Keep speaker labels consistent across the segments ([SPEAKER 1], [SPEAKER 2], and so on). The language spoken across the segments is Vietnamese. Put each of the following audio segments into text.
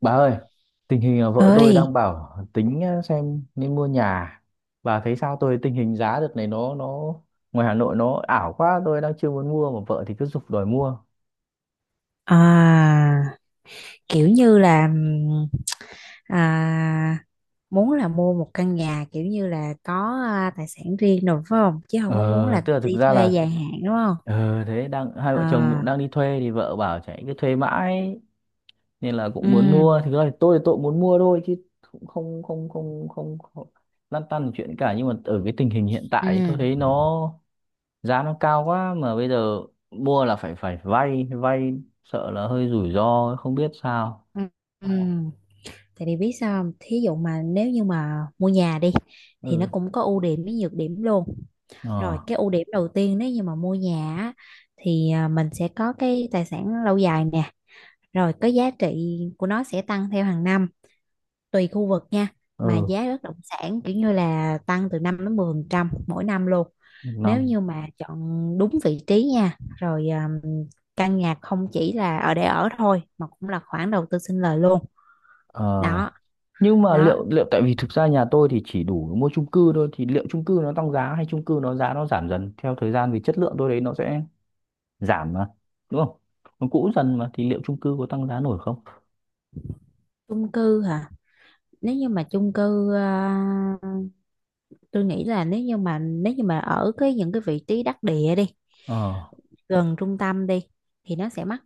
[SPEAKER 1] Bà ơi, tình hình là vợ tôi đang
[SPEAKER 2] ơi,
[SPEAKER 1] bảo tính xem nên mua nhà. Bà thấy sao, tôi tình hình giá đợt này nó ngoài Hà Nội nó ảo quá, tôi đang chưa muốn mua mà vợ thì cứ giục đòi mua.
[SPEAKER 2] à, kiểu như là à, muốn là mua một căn nhà kiểu như là có tài sản riêng rồi phải không, chứ không có muốn
[SPEAKER 1] Ờ,
[SPEAKER 2] là
[SPEAKER 1] tức là thực
[SPEAKER 2] đi
[SPEAKER 1] ra
[SPEAKER 2] thuê
[SPEAKER 1] là
[SPEAKER 2] dài hạn đúng không?
[SPEAKER 1] thế đang hai vợ chồng cũng
[SPEAKER 2] à,
[SPEAKER 1] đang đi thuê thì vợ bảo chạy cứ thuê mãi nên là
[SPEAKER 2] ừ
[SPEAKER 1] cũng muốn mua. Thực ra thì tôi cũng muốn mua thôi chứ cũng không không không không, không lăn tăn chuyện cả, nhưng mà ở cái tình hình hiện
[SPEAKER 2] ừ
[SPEAKER 1] tại tôi thấy nó giá nó cao quá mà bây giờ mua là phải phải vay vay sợ là hơi rủi ro không biết sao.
[SPEAKER 2] ừ ừ. Tại vì biết sao không? Thí dụ mà nếu như mà mua nhà đi thì nó
[SPEAKER 1] Ừ.
[SPEAKER 2] cũng có ưu điểm với nhược điểm luôn. Rồi
[SPEAKER 1] Ờ.
[SPEAKER 2] cái ưu điểm đầu tiên, nếu như mà mua nhà á, thì mình sẽ có cái tài sản lâu dài nè, rồi cái giá trị của nó sẽ tăng theo hàng năm, tùy khu vực nha. Mà
[SPEAKER 1] Ừ.
[SPEAKER 2] giá bất động sản kiểu như là tăng từ 5 đến 10% mỗi năm luôn,
[SPEAKER 1] Một
[SPEAKER 2] nếu
[SPEAKER 1] năm.
[SPEAKER 2] như mà chọn đúng vị trí nha. Rồi căn nhà không chỉ là ở để ở thôi mà cũng là khoản đầu tư sinh lời luôn
[SPEAKER 1] Ờ.
[SPEAKER 2] đó.
[SPEAKER 1] Nhưng mà
[SPEAKER 2] Đó,
[SPEAKER 1] liệu liệu tại vì thực ra nhà tôi thì chỉ đủ mua chung cư thôi, thì liệu chung cư nó tăng giá hay chung cư nó giá nó giảm dần theo thời gian vì chất lượng tôi đấy nó sẽ giảm mà, đúng không, nó cũ dần mà thì liệu chung cư có tăng giá nổi không?
[SPEAKER 2] chung cư hả? Nếu như mà chung cư ờ, tôi nghĩ là nếu như mà ở cái những cái vị trí đắc địa đi,
[SPEAKER 1] Ờ.
[SPEAKER 2] gần trung tâm đi, thì nó sẽ mắc.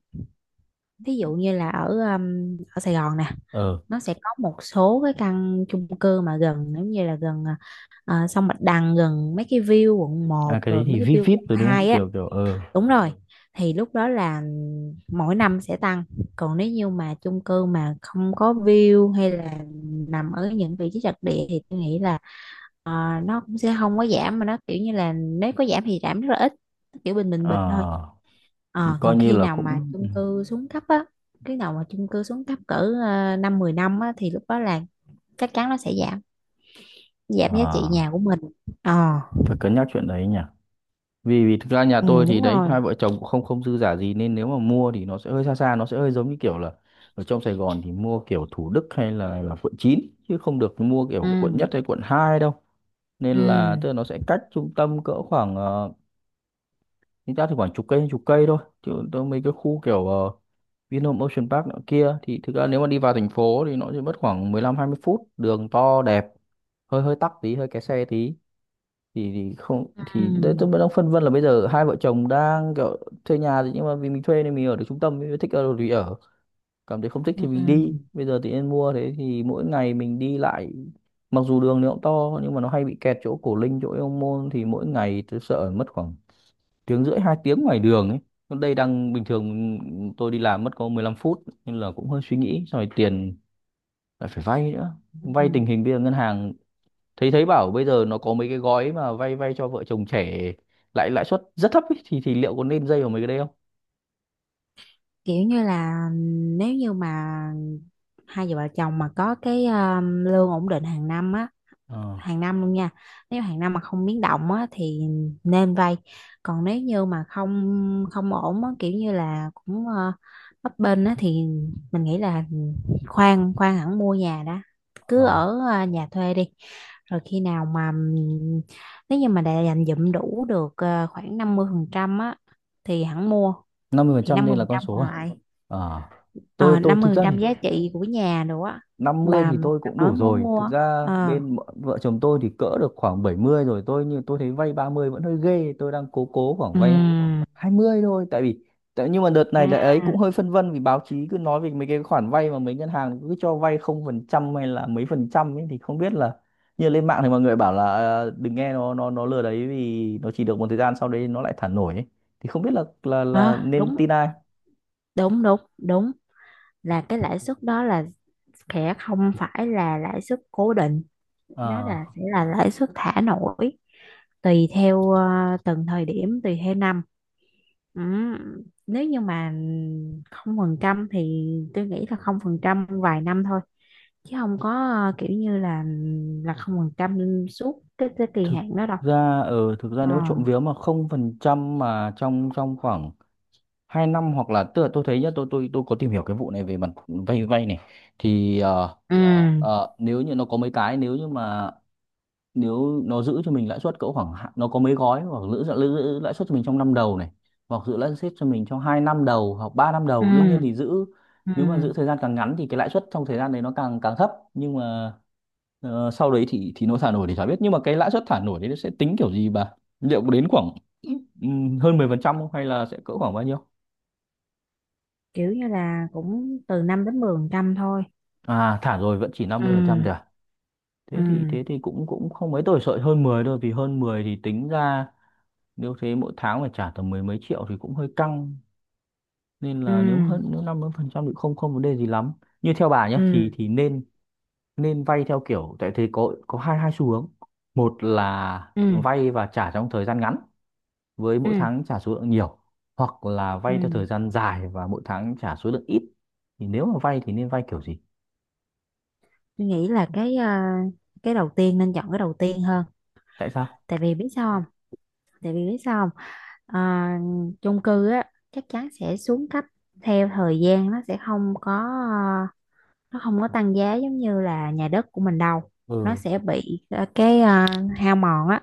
[SPEAKER 2] Thí dụ như là ở ở Sài Gòn nè,
[SPEAKER 1] Ờ.
[SPEAKER 2] nó sẽ có một số cái căn chung cư mà gần giống như là gần sông Bạch Đằng, gần mấy cái view quận
[SPEAKER 1] À,
[SPEAKER 2] một
[SPEAKER 1] cái đấy
[SPEAKER 2] rồi mấy
[SPEAKER 1] thì vip
[SPEAKER 2] cái view
[SPEAKER 1] vip
[SPEAKER 2] quận
[SPEAKER 1] rồi đúng không,
[SPEAKER 2] 2 á.
[SPEAKER 1] kiểu kiểu ờ.
[SPEAKER 2] Đúng rồi, thì lúc đó là mỗi năm sẽ tăng. Còn nếu như mà chung cư mà không có view hay là nằm ở những vị trí trật địa thì tôi nghĩ là ờ, nó cũng sẽ không có giảm, mà nó kiểu như là nếu có giảm thì giảm rất là ít, kiểu bình bình
[SPEAKER 1] Ờ,
[SPEAKER 2] bình thôi.
[SPEAKER 1] thì
[SPEAKER 2] Ờ,
[SPEAKER 1] coi
[SPEAKER 2] còn
[SPEAKER 1] như
[SPEAKER 2] khi
[SPEAKER 1] là
[SPEAKER 2] nào mà
[SPEAKER 1] cũng ừ.
[SPEAKER 2] chung cư xuống cấp á, khi nào mà chung cư xuống cấp cỡ năm 10 năm á, thì lúc đó là chắc chắn nó sẽ giảm, giảm
[SPEAKER 1] Ờ,
[SPEAKER 2] giá trị nhà của mình. Ờ,
[SPEAKER 1] cũng phải cân nhắc chuyện đấy nhỉ, vì vì thực ra nhà
[SPEAKER 2] ừ,
[SPEAKER 1] tôi thì
[SPEAKER 2] đúng
[SPEAKER 1] đấy,
[SPEAKER 2] rồi.
[SPEAKER 1] hai vợ chồng cũng không không dư giả gì nên nếu mà mua thì nó sẽ hơi xa xa nó sẽ hơi giống như kiểu là ở trong Sài Gòn thì mua kiểu Thủ Đức hay là quận 9 chứ không được mua kiểu quận
[SPEAKER 2] ừ
[SPEAKER 1] nhất hay quận 2 đâu. Nên
[SPEAKER 2] ừ
[SPEAKER 1] là tức là nó sẽ cách trung tâm cỡ khoảng chúng ta thì khoảng chục cây thôi, chứ tôi mấy cái khu kiểu Vinhome Ocean Park nữa kia thì thực ra nếu mà đi vào thành phố thì nó chỉ mất khoảng 15-20 phút, đường to đẹp, hơi hơi tắc tí hơi kẹt xe tí, thì không thì đấy
[SPEAKER 2] ừ
[SPEAKER 1] tôi vẫn đang phân vân là bây giờ hai vợ chồng đang kiểu thuê nhà thì, nhưng mà vì mình thuê nên mình ở được trung tâm, mình thích ở đâu thì ở, cảm thấy không thích thì mình đi,
[SPEAKER 2] ừ
[SPEAKER 1] bây giờ thì nên mua, thế thì mỗi ngày mình đi lại mặc dù đường nó cũng to nhưng mà nó hay bị kẹt chỗ Cổ Linh chỗ Yêu Môn thì mỗi ngày tôi sợ mất khoảng tiếng rưỡi hai tiếng ngoài đường ấy. Còn đây đang bình thường tôi đi làm mất có 15 phút, nên là cũng hơi suy nghĩ, xong rồi tiền lại phải vay nữa. Vay
[SPEAKER 2] ừ.
[SPEAKER 1] tình hình bây giờ ngân hàng thấy thấy bảo bây giờ nó có mấy cái gói mà vay vay cho vợ chồng trẻ lại lãi suất rất thấp ấy, thì liệu có nên dây vào mấy cái đấy không?
[SPEAKER 2] Kiểu như là, nếu như mà hai vợ chồng mà có cái lương ổn định hàng năm á,
[SPEAKER 1] Ờ.
[SPEAKER 2] hàng năm luôn nha, nếu hàng năm mà không biến động á, thì nên vay. Còn nếu như mà không không ổn á, kiểu như là cũng bấp bênh á, thì mình nghĩ là khoan khoan hẳn mua nhà đó. Cứ
[SPEAKER 1] Ờ.
[SPEAKER 2] ở nhà thuê đi, rồi khi nào mà nếu như mà đã dành dụm đủ được khoảng 50% á thì hẳn mua.
[SPEAKER 1] Năm mươi phần
[SPEAKER 2] Thì
[SPEAKER 1] trăm
[SPEAKER 2] năm
[SPEAKER 1] nên
[SPEAKER 2] mươi
[SPEAKER 1] là
[SPEAKER 2] phần
[SPEAKER 1] con
[SPEAKER 2] trăm
[SPEAKER 1] số
[SPEAKER 2] còn
[SPEAKER 1] à?
[SPEAKER 2] lại,
[SPEAKER 1] Ờ.
[SPEAKER 2] ờ,
[SPEAKER 1] Tôi
[SPEAKER 2] năm mươi
[SPEAKER 1] thực
[SPEAKER 2] phần
[SPEAKER 1] ra
[SPEAKER 2] trăm
[SPEAKER 1] thì
[SPEAKER 2] giá trị của nhà nữa á,
[SPEAKER 1] 50
[SPEAKER 2] bà,
[SPEAKER 1] thì tôi cũng
[SPEAKER 2] bà mới
[SPEAKER 1] đủ
[SPEAKER 2] muốn
[SPEAKER 1] rồi. Thực
[SPEAKER 2] mua
[SPEAKER 1] ra bên vợ vợ chồng tôi thì cỡ được khoảng 70 rồi. Tôi như tôi thấy vay 30 vẫn hơi ghê. Tôi đang cố cố khoảng vay
[SPEAKER 2] ừm.
[SPEAKER 1] 20 thôi, tại vì tại, nhưng mà đợt này
[SPEAKER 2] À.
[SPEAKER 1] là ấy cũng hơi phân vân vì báo chí cứ nói về mấy cái khoản vay mà mấy ngân hàng cứ cho vay không phần trăm hay là mấy phần trăm ấy thì không biết là, như lên mạng thì mọi người bảo là đừng nghe, nó lừa đấy vì nó chỉ được một thời gian sau đấy nó lại thả nổi ấy. Thì không biết là là
[SPEAKER 2] Ờ,
[SPEAKER 1] là nên
[SPEAKER 2] đúng
[SPEAKER 1] tin ai.
[SPEAKER 2] đúng đúng đúng là cái lãi suất đó là sẽ không phải là lãi suất cố định, nó
[SPEAKER 1] Ờ,
[SPEAKER 2] sẽ là lãi suất thả nổi, tùy theo từng thời điểm, tùy theo năm. Ừ. Nếu như mà không phần trăm thì tôi nghĩ là không phần trăm vài năm thôi, chứ không có kiểu như là không phần trăm suốt cái kỳ
[SPEAKER 1] thực
[SPEAKER 2] hạn đó đâu.
[SPEAKER 1] ra thực ra nếu trộm
[SPEAKER 2] Ờ.
[SPEAKER 1] vía mà không phần trăm mà trong trong khoảng 2 năm hoặc là, tức là tôi thấy nhá, tôi có tìm hiểu cái vụ này về mặt vay vay này thì,
[SPEAKER 2] Ừ.
[SPEAKER 1] ờ, nếu như nó có mấy cái, nếu như mà nếu nó giữ cho mình lãi suất cỡ khoảng nó có mấy gói hoặc giữ lãi suất cho mình trong năm đầu này hoặc giữ lãi suất cho mình trong 2 năm đầu hoặc ba năm
[SPEAKER 2] Ừ.
[SPEAKER 1] đầu đương nhiên thì giữ. Nếu mà
[SPEAKER 2] Ừ.
[SPEAKER 1] giữ thời gian càng ngắn thì cái lãi suất trong thời gian đấy nó càng càng thấp, nhưng mà sau đấy thì nó thả nổi thì chả biết, nhưng mà cái lãi suất thả nổi đấy nó sẽ tính kiểu gì bà? Liệu có đến khoảng hơn 10% không hay là sẽ cỡ khoảng bao nhiêu?
[SPEAKER 2] Kiểu như là cũng từ 5 đến 10 phần trăm thôi.
[SPEAKER 1] À thả rồi vẫn chỉ
[SPEAKER 2] ừ
[SPEAKER 1] 50% thôi à?
[SPEAKER 2] ừ
[SPEAKER 1] Thế thì cũng cũng không mấy, tôi sợ hơn 10 thôi vì hơn 10 thì tính ra nếu thế mỗi tháng phải trả tầm mười mấy triệu thì cũng hơi căng. Nên
[SPEAKER 2] ừ
[SPEAKER 1] là nếu hơn, nếu 50% thì không không vấn đề gì lắm. Như theo bà nhé
[SPEAKER 2] ừ
[SPEAKER 1] thì nên nên vay theo kiểu, tại thế có hai hai xu hướng: một là
[SPEAKER 2] ừ
[SPEAKER 1] vay và trả trong thời gian ngắn với
[SPEAKER 2] ừ
[SPEAKER 1] mỗi tháng trả số lượng nhiều, hoặc là
[SPEAKER 2] ừ
[SPEAKER 1] vay theo thời gian dài và mỗi tháng trả số lượng ít. Thì nếu mà vay thì nên vay kiểu gì?
[SPEAKER 2] tôi nghĩ là cái đầu tiên, nên chọn cái đầu tiên hơn.
[SPEAKER 1] Tại sao?
[SPEAKER 2] Tại vì biết sao không? tại vì biết sao không à, chung cư á, chắc chắn sẽ xuống cấp theo thời gian, nó sẽ không có ờ, không có tăng giá giống như là nhà đất của mình đâu. Nó
[SPEAKER 1] Ừ.
[SPEAKER 2] sẽ bị hao mòn á,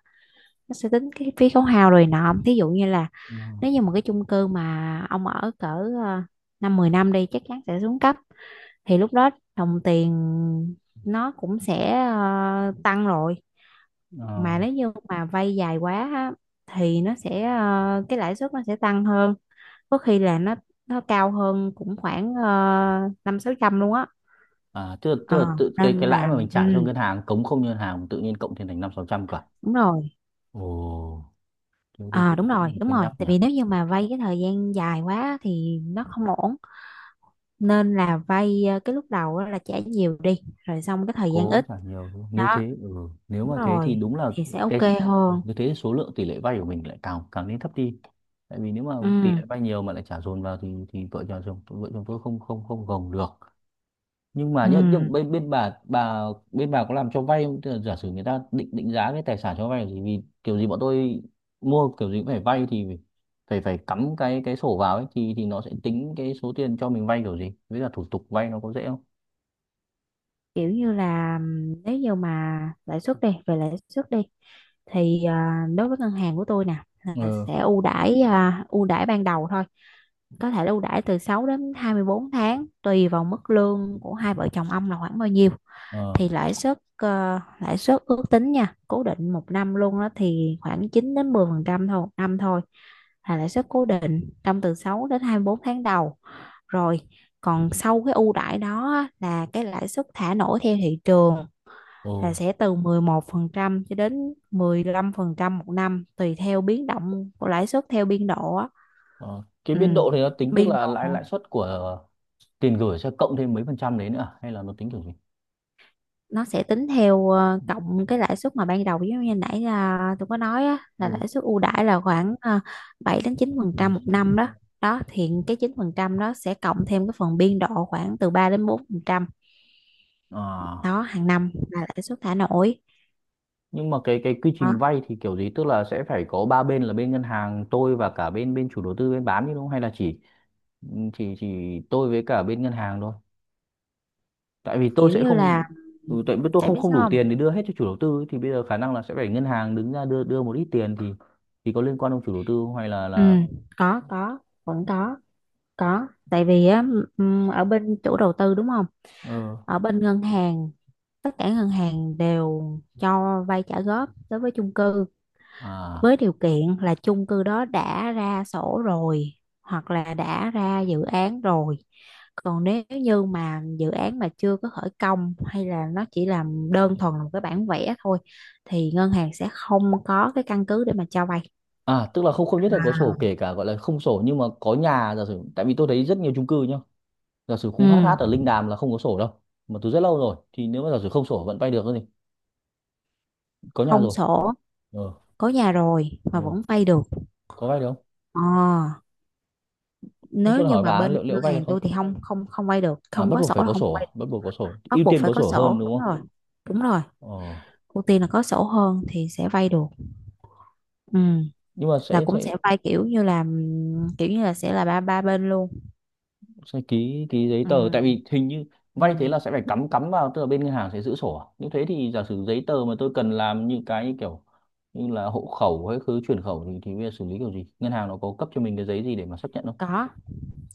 [SPEAKER 2] nó sẽ tính cái phí khấu hao rồi nọ. Thí dụ như là
[SPEAKER 1] Ờ.
[SPEAKER 2] nếu như một cái chung cư mà ông ở cỡ ờ, năm 10 năm đi, chắc chắn sẽ xuống cấp. Thì lúc đó đồng tiền nó cũng sẽ tăng rồi.
[SPEAKER 1] Ờ.
[SPEAKER 2] Mà nếu như mà vay dài quá á, thì nó sẽ cái lãi suất nó sẽ tăng hơn, có khi là nó cao hơn cũng khoảng năm sáu trăm luôn á.
[SPEAKER 1] À tức là
[SPEAKER 2] Ờ,
[SPEAKER 1] tự
[SPEAKER 2] nên
[SPEAKER 1] cái lãi
[SPEAKER 2] là
[SPEAKER 1] mà mình trả cho
[SPEAKER 2] ừ,
[SPEAKER 1] ngân hàng, cống không ngân hàng tự nhiên cộng thêm thành năm sáu trăm cả.
[SPEAKER 2] đúng rồi.
[SPEAKER 1] Ồ, thế thì
[SPEAKER 2] Ờ,
[SPEAKER 1] cũng
[SPEAKER 2] đúng
[SPEAKER 1] cũng
[SPEAKER 2] rồi,
[SPEAKER 1] phải
[SPEAKER 2] đúng
[SPEAKER 1] cân
[SPEAKER 2] rồi.
[SPEAKER 1] nhắc
[SPEAKER 2] Tại
[SPEAKER 1] nhỉ.
[SPEAKER 2] vì nếu như mà vay cái thời gian dài quá thì nó không ổn, nên là vay cái lúc đầu á là trả nhiều đi, rồi xong cái thời gian
[SPEAKER 1] Cố
[SPEAKER 2] ít
[SPEAKER 1] trả nhiều đúng không? Nếu
[SPEAKER 2] đó.
[SPEAKER 1] thế ừ. Nếu
[SPEAKER 2] Đúng
[SPEAKER 1] mà thế thì
[SPEAKER 2] rồi,
[SPEAKER 1] đúng là
[SPEAKER 2] thì sẽ
[SPEAKER 1] cái,
[SPEAKER 2] ok
[SPEAKER 1] ừ,
[SPEAKER 2] hơn.
[SPEAKER 1] như thế số lượng tỷ lệ vay của mình lại càng càng nên thấp đi, tại vì nếu mà
[SPEAKER 2] Ừ.
[SPEAKER 1] tỷ lệ vay nhiều mà lại trả dồn vào thì vợ chồng tôi không không không gồng được. Nhưng mà
[SPEAKER 2] Ừ,
[SPEAKER 1] nhất nhớ bên bên bà bên bà có làm cho vay không? Tức là giả sử người ta định định giá cái tài sản cho vay thì vì kiểu gì bọn tôi mua kiểu gì cũng phải vay thì phải phải phải cắm cái sổ vào ấy, thì nó sẽ tính cái số tiền cho mình vay kiểu gì, với cả thủ tục vay nó có dễ không?
[SPEAKER 2] kiểu như là nếu như mà lãi suất đi, thì đối với ngân hàng của tôi nè, là
[SPEAKER 1] Ừ.
[SPEAKER 2] sẽ ưu đãi, ưu đãi ban đầu thôi, có thể là ưu đãi từ 6 đến 24 tháng, tùy vào mức lương của hai vợ chồng ông là khoảng bao nhiêu.
[SPEAKER 1] Ờ.
[SPEAKER 2] Thì lãi suất ước tính nha, cố định một năm luôn đó thì khoảng 9 đến 10 phần trăm thôi, một năm thôi. Là lãi suất cố định trong từ 6 đến 24 tháng đầu, rồi còn sau cái ưu đãi đó á, là cái lãi suất thả nổi theo thị trường,
[SPEAKER 1] Ồ,
[SPEAKER 2] là sẽ từ 11% cho đến 15% một năm, tùy theo biến động của lãi suất theo biên độ á.
[SPEAKER 1] ờ. Cái
[SPEAKER 2] Ừ.
[SPEAKER 1] biên độ thì nó tính, tức
[SPEAKER 2] Biên độ
[SPEAKER 1] là lãi lãi suất của tiền gửi sẽ cộng thêm mấy phần trăm đấy nữa à? Hay là nó tính kiểu gì?
[SPEAKER 2] nó sẽ tính theo cộng cái lãi suất mà ban đầu, giống như nãy là tôi có nói á, là
[SPEAKER 1] Ồ,
[SPEAKER 2] lãi suất ưu đãi là khoảng 7 đến
[SPEAKER 1] đây
[SPEAKER 2] 9% một
[SPEAKER 1] chiếm.
[SPEAKER 2] năm đó. Đó, thì cái 9% đó sẽ cộng thêm cái phần biên độ khoảng từ 3 đến 4%
[SPEAKER 1] À,
[SPEAKER 2] đó, hàng năm là lãi suất thả nổi.
[SPEAKER 1] nhưng mà cái quy
[SPEAKER 2] Đó.
[SPEAKER 1] trình vay thì kiểu gì, tức là sẽ phải có ba bên là bên ngân hàng, tôi và cả bên bên chủ đầu tư bên bán chứ đúng không, hay là chỉ chỉ tôi với cả bên ngân hàng thôi? Tại vì tôi
[SPEAKER 2] Kiểu
[SPEAKER 1] sẽ
[SPEAKER 2] như
[SPEAKER 1] không,
[SPEAKER 2] là,
[SPEAKER 1] ừ, tại vì tôi
[SPEAKER 2] tại
[SPEAKER 1] không
[SPEAKER 2] biết
[SPEAKER 1] không đủ
[SPEAKER 2] sao không?
[SPEAKER 1] tiền để đưa hết cho chủ đầu tư ấy, thì bây giờ khả năng là sẽ phải ngân hàng đứng ra đưa đưa một ít tiền thì có liên quan ông chủ đầu tư không hay là
[SPEAKER 2] Ừ,
[SPEAKER 1] là?
[SPEAKER 2] có, vẫn có, có. Tại vì á, ở bên chủ đầu tư đúng không,
[SPEAKER 1] Ờ.
[SPEAKER 2] ở bên ngân hàng, tất cả ngân hàng đều cho vay trả góp đối với chung cư,
[SPEAKER 1] À.
[SPEAKER 2] với điều kiện là chung cư đó đã ra sổ rồi, hoặc là đã ra dự án rồi. Còn nếu như mà dự án mà chưa có khởi công hay là nó chỉ là đơn thuần là một cái bản vẽ thôi, thì ngân hàng sẽ không có cái căn cứ để mà cho vay.
[SPEAKER 1] À, tức là không không nhất là có sổ, kể cả gọi là không sổ nhưng mà có nhà, giả sử, tại vì tôi thấy rất nhiều chung cư nhá. Giả sử
[SPEAKER 2] Ừ,
[SPEAKER 1] khu hát hát ở Linh Đàm là không có sổ đâu. Mà từ rất lâu rồi, thì nếu mà giả sử không sổ vẫn vay được thì có nhà
[SPEAKER 2] không
[SPEAKER 1] rồi.
[SPEAKER 2] sổ,
[SPEAKER 1] Ờ.
[SPEAKER 2] có nhà rồi mà
[SPEAKER 1] Ừ,
[SPEAKER 2] vẫn vay được.
[SPEAKER 1] có vay được không?
[SPEAKER 2] Ờ,
[SPEAKER 1] Không,
[SPEAKER 2] nếu
[SPEAKER 1] tôi
[SPEAKER 2] như
[SPEAKER 1] hỏi
[SPEAKER 2] mà
[SPEAKER 1] bà
[SPEAKER 2] bên
[SPEAKER 1] liệu liệu
[SPEAKER 2] ngân
[SPEAKER 1] vay được
[SPEAKER 2] hàng
[SPEAKER 1] không?
[SPEAKER 2] tôi thì không không không vay được,
[SPEAKER 1] À
[SPEAKER 2] không
[SPEAKER 1] bắt
[SPEAKER 2] có
[SPEAKER 1] buộc
[SPEAKER 2] sổ
[SPEAKER 1] phải
[SPEAKER 2] là
[SPEAKER 1] có
[SPEAKER 2] không
[SPEAKER 1] sổ à?
[SPEAKER 2] vay
[SPEAKER 1] Bắt
[SPEAKER 2] được.
[SPEAKER 1] buộc có sổ.
[SPEAKER 2] Bắt
[SPEAKER 1] Ưu
[SPEAKER 2] buộc
[SPEAKER 1] tiên
[SPEAKER 2] phải
[SPEAKER 1] có
[SPEAKER 2] có
[SPEAKER 1] sổ hơn
[SPEAKER 2] sổ,
[SPEAKER 1] đúng
[SPEAKER 2] đúng
[SPEAKER 1] không?
[SPEAKER 2] rồi. Đúng rồi,
[SPEAKER 1] Ờ,
[SPEAKER 2] ưu tiên là có sổ hơn thì sẽ vay được. Ừ,
[SPEAKER 1] nhưng mà
[SPEAKER 2] là
[SPEAKER 1] sẽ
[SPEAKER 2] cũng
[SPEAKER 1] sẽ
[SPEAKER 2] sẽ vay kiểu như là sẽ là ba ba bên luôn.
[SPEAKER 1] sẽ ký ký giấy
[SPEAKER 2] Ừ,
[SPEAKER 1] tờ tại vì hình như
[SPEAKER 2] ừ,
[SPEAKER 1] vay thế là sẽ phải cắm cắm vào, tức là bên ngân hàng sẽ giữ sổ à? Như thế thì giả sử giấy tờ mà tôi cần làm như cái như kiểu như là hộ khẩu hay cứ chuyển khẩu thì bây giờ xử lý kiểu gì, ngân hàng nó có cấp cho mình cái giấy gì để mà xác nhận không?
[SPEAKER 2] có,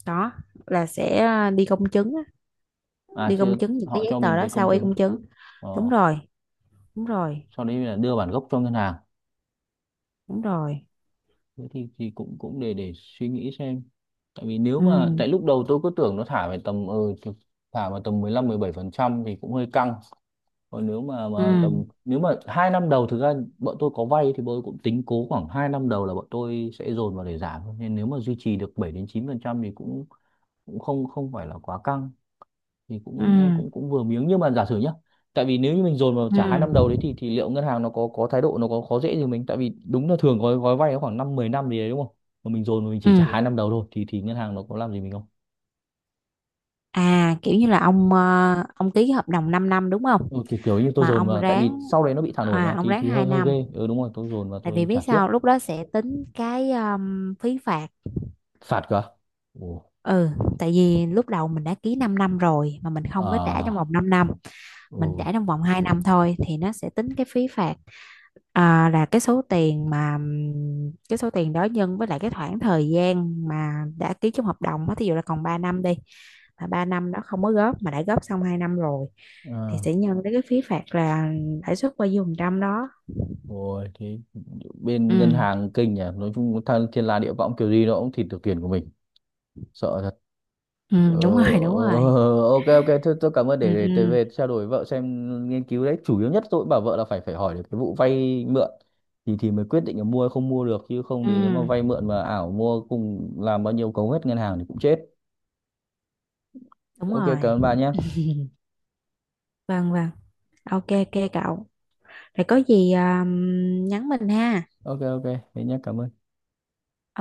[SPEAKER 2] có, là sẽ đi công chứng á,
[SPEAKER 1] À
[SPEAKER 2] đi
[SPEAKER 1] chưa,
[SPEAKER 2] công chứng những cái
[SPEAKER 1] họ
[SPEAKER 2] giấy
[SPEAKER 1] cho
[SPEAKER 2] tờ
[SPEAKER 1] mình
[SPEAKER 2] đó,
[SPEAKER 1] cái công
[SPEAKER 2] sao y
[SPEAKER 1] chứng,
[SPEAKER 2] công chứng.
[SPEAKER 1] ờ,
[SPEAKER 2] Đúng rồi, đúng rồi,
[SPEAKER 1] sau đấy là đưa bản gốc cho ngân hàng?
[SPEAKER 2] đúng rồi.
[SPEAKER 1] Thế thì cũng cũng để suy nghĩ xem, tại vì nếu
[SPEAKER 2] Ừ,
[SPEAKER 1] mà tại lúc đầu tôi cứ tưởng nó thả về tầm chục- thả vào tầm 15-17% thì cũng hơi căng. Còn nếu mà
[SPEAKER 2] ừ,
[SPEAKER 1] tầm, nếu mà 2 năm đầu thực ra bọn tôi có vay thì bọn tôi cũng tính cố khoảng 2 năm đầu là bọn tôi sẽ dồn vào để giảm thôi. Nên nếu mà duy trì được 7-9% thì cũng cũng không không phải là quá căng thì cũng
[SPEAKER 2] ừ.
[SPEAKER 1] cũng cũng vừa miếng, nhưng mà giả sử nhá, tại vì nếu như mình dồn vào
[SPEAKER 2] Ừ.
[SPEAKER 1] trả 2 năm đầu đấy thì liệu ngân hàng nó có thái độ, nó có khó dễ gì mình, tại vì đúng là thường gói gói vay nó khoảng 5-10 năm gì đấy đúng không, mà mình dồn mà mình chỉ trả
[SPEAKER 2] Ừ.
[SPEAKER 1] 2 năm đầu thôi thì ngân hàng nó có làm gì mình không?
[SPEAKER 2] À, kiểu như là ông ký cái hợp đồng 5 năm đúng không?
[SPEAKER 1] Ừ, kiểu kiểu như tôi
[SPEAKER 2] Mà
[SPEAKER 1] dồn
[SPEAKER 2] ông
[SPEAKER 1] vào tại vì
[SPEAKER 2] ráng
[SPEAKER 1] sau đấy nó bị thả nổi
[SPEAKER 2] À
[SPEAKER 1] mà
[SPEAKER 2] ông ráng
[SPEAKER 1] thì
[SPEAKER 2] 2
[SPEAKER 1] hơi hơi
[SPEAKER 2] năm.
[SPEAKER 1] ghê. Ừ đúng rồi, tôi dồn vào
[SPEAKER 2] Tại vì
[SPEAKER 1] tôi
[SPEAKER 2] biết
[SPEAKER 1] trả trước.
[SPEAKER 2] sao, lúc đó sẽ tính cái phí phạt.
[SPEAKER 1] Phạt cơ? Ồ.
[SPEAKER 2] Ừ, tại vì lúc đầu mình đã ký 5 năm rồi mà mình không có trả trong
[SPEAKER 1] À.
[SPEAKER 2] vòng 5 năm,
[SPEAKER 1] Ừ.
[SPEAKER 2] mình trả trong vòng 2 năm thôi, thì nó sẽ tính cái phí phạt. Là cái số tiền mà cái số tiền đó nhân với lại cái khoảng thời gian mà đã ký trong hợp đồng á, thí dụ là còn 3 năm đi, mà 3 năm đó không có góp mà đã góp xong 2 năm rồi, thì
[SPEAKER 1] À,
[SPEAKER 2] sẽ nhân tới cái phí phạt là lãi suất bao nhiêu phần trăm đó.
[SPEAKER 1] ôi thế bên ngân
[SPEAKER 2] Ừ.
[SPEAKER 1] hàng kinh nhỉ, nói chung thằng thiên la địa võng kiểu gì nó cũng thịt được tiền của mình. Sợ thật.
[SPEAKER 2] Ừ,
[SPEAKER 1] Ờ,
[SPEAKER 2] đúng rồi, đúng rồi.
[SPEAKER 1] ờ, ok ok thôi tôi cảm ơn,
[SPEAKER 2] Ừ. Ừ.
[SPEAKER 1] để tôi về trao đổi với vợ xem nghiên cứu đấy, chủ yếu nhất tôi cũng bảo vợ là phải phải hỏi được cái vụ vay mượn thì mới quyết định là mua hay không mua được, chứ không
[SPEAKER 2] Ừ,
[SPEAKER 1] thì nếu mà vay mượn mà ảo mua cùng làm bao nhiêu cấu hết ngân hàng thì cũng chết.
[SPEAKER 2] đúng
[SPEAKER 1] Ok cảm
[SPEAKER 2] rồi.
[SPEAKER 1] ơn bà nhé.
[SPEAKER 2] Vâng, vâng. Ok, ok cậu. Rồi có gì nhắn mình ha.
[SPEAKER 1] Ok ok. Thế nhé, cảm ơn.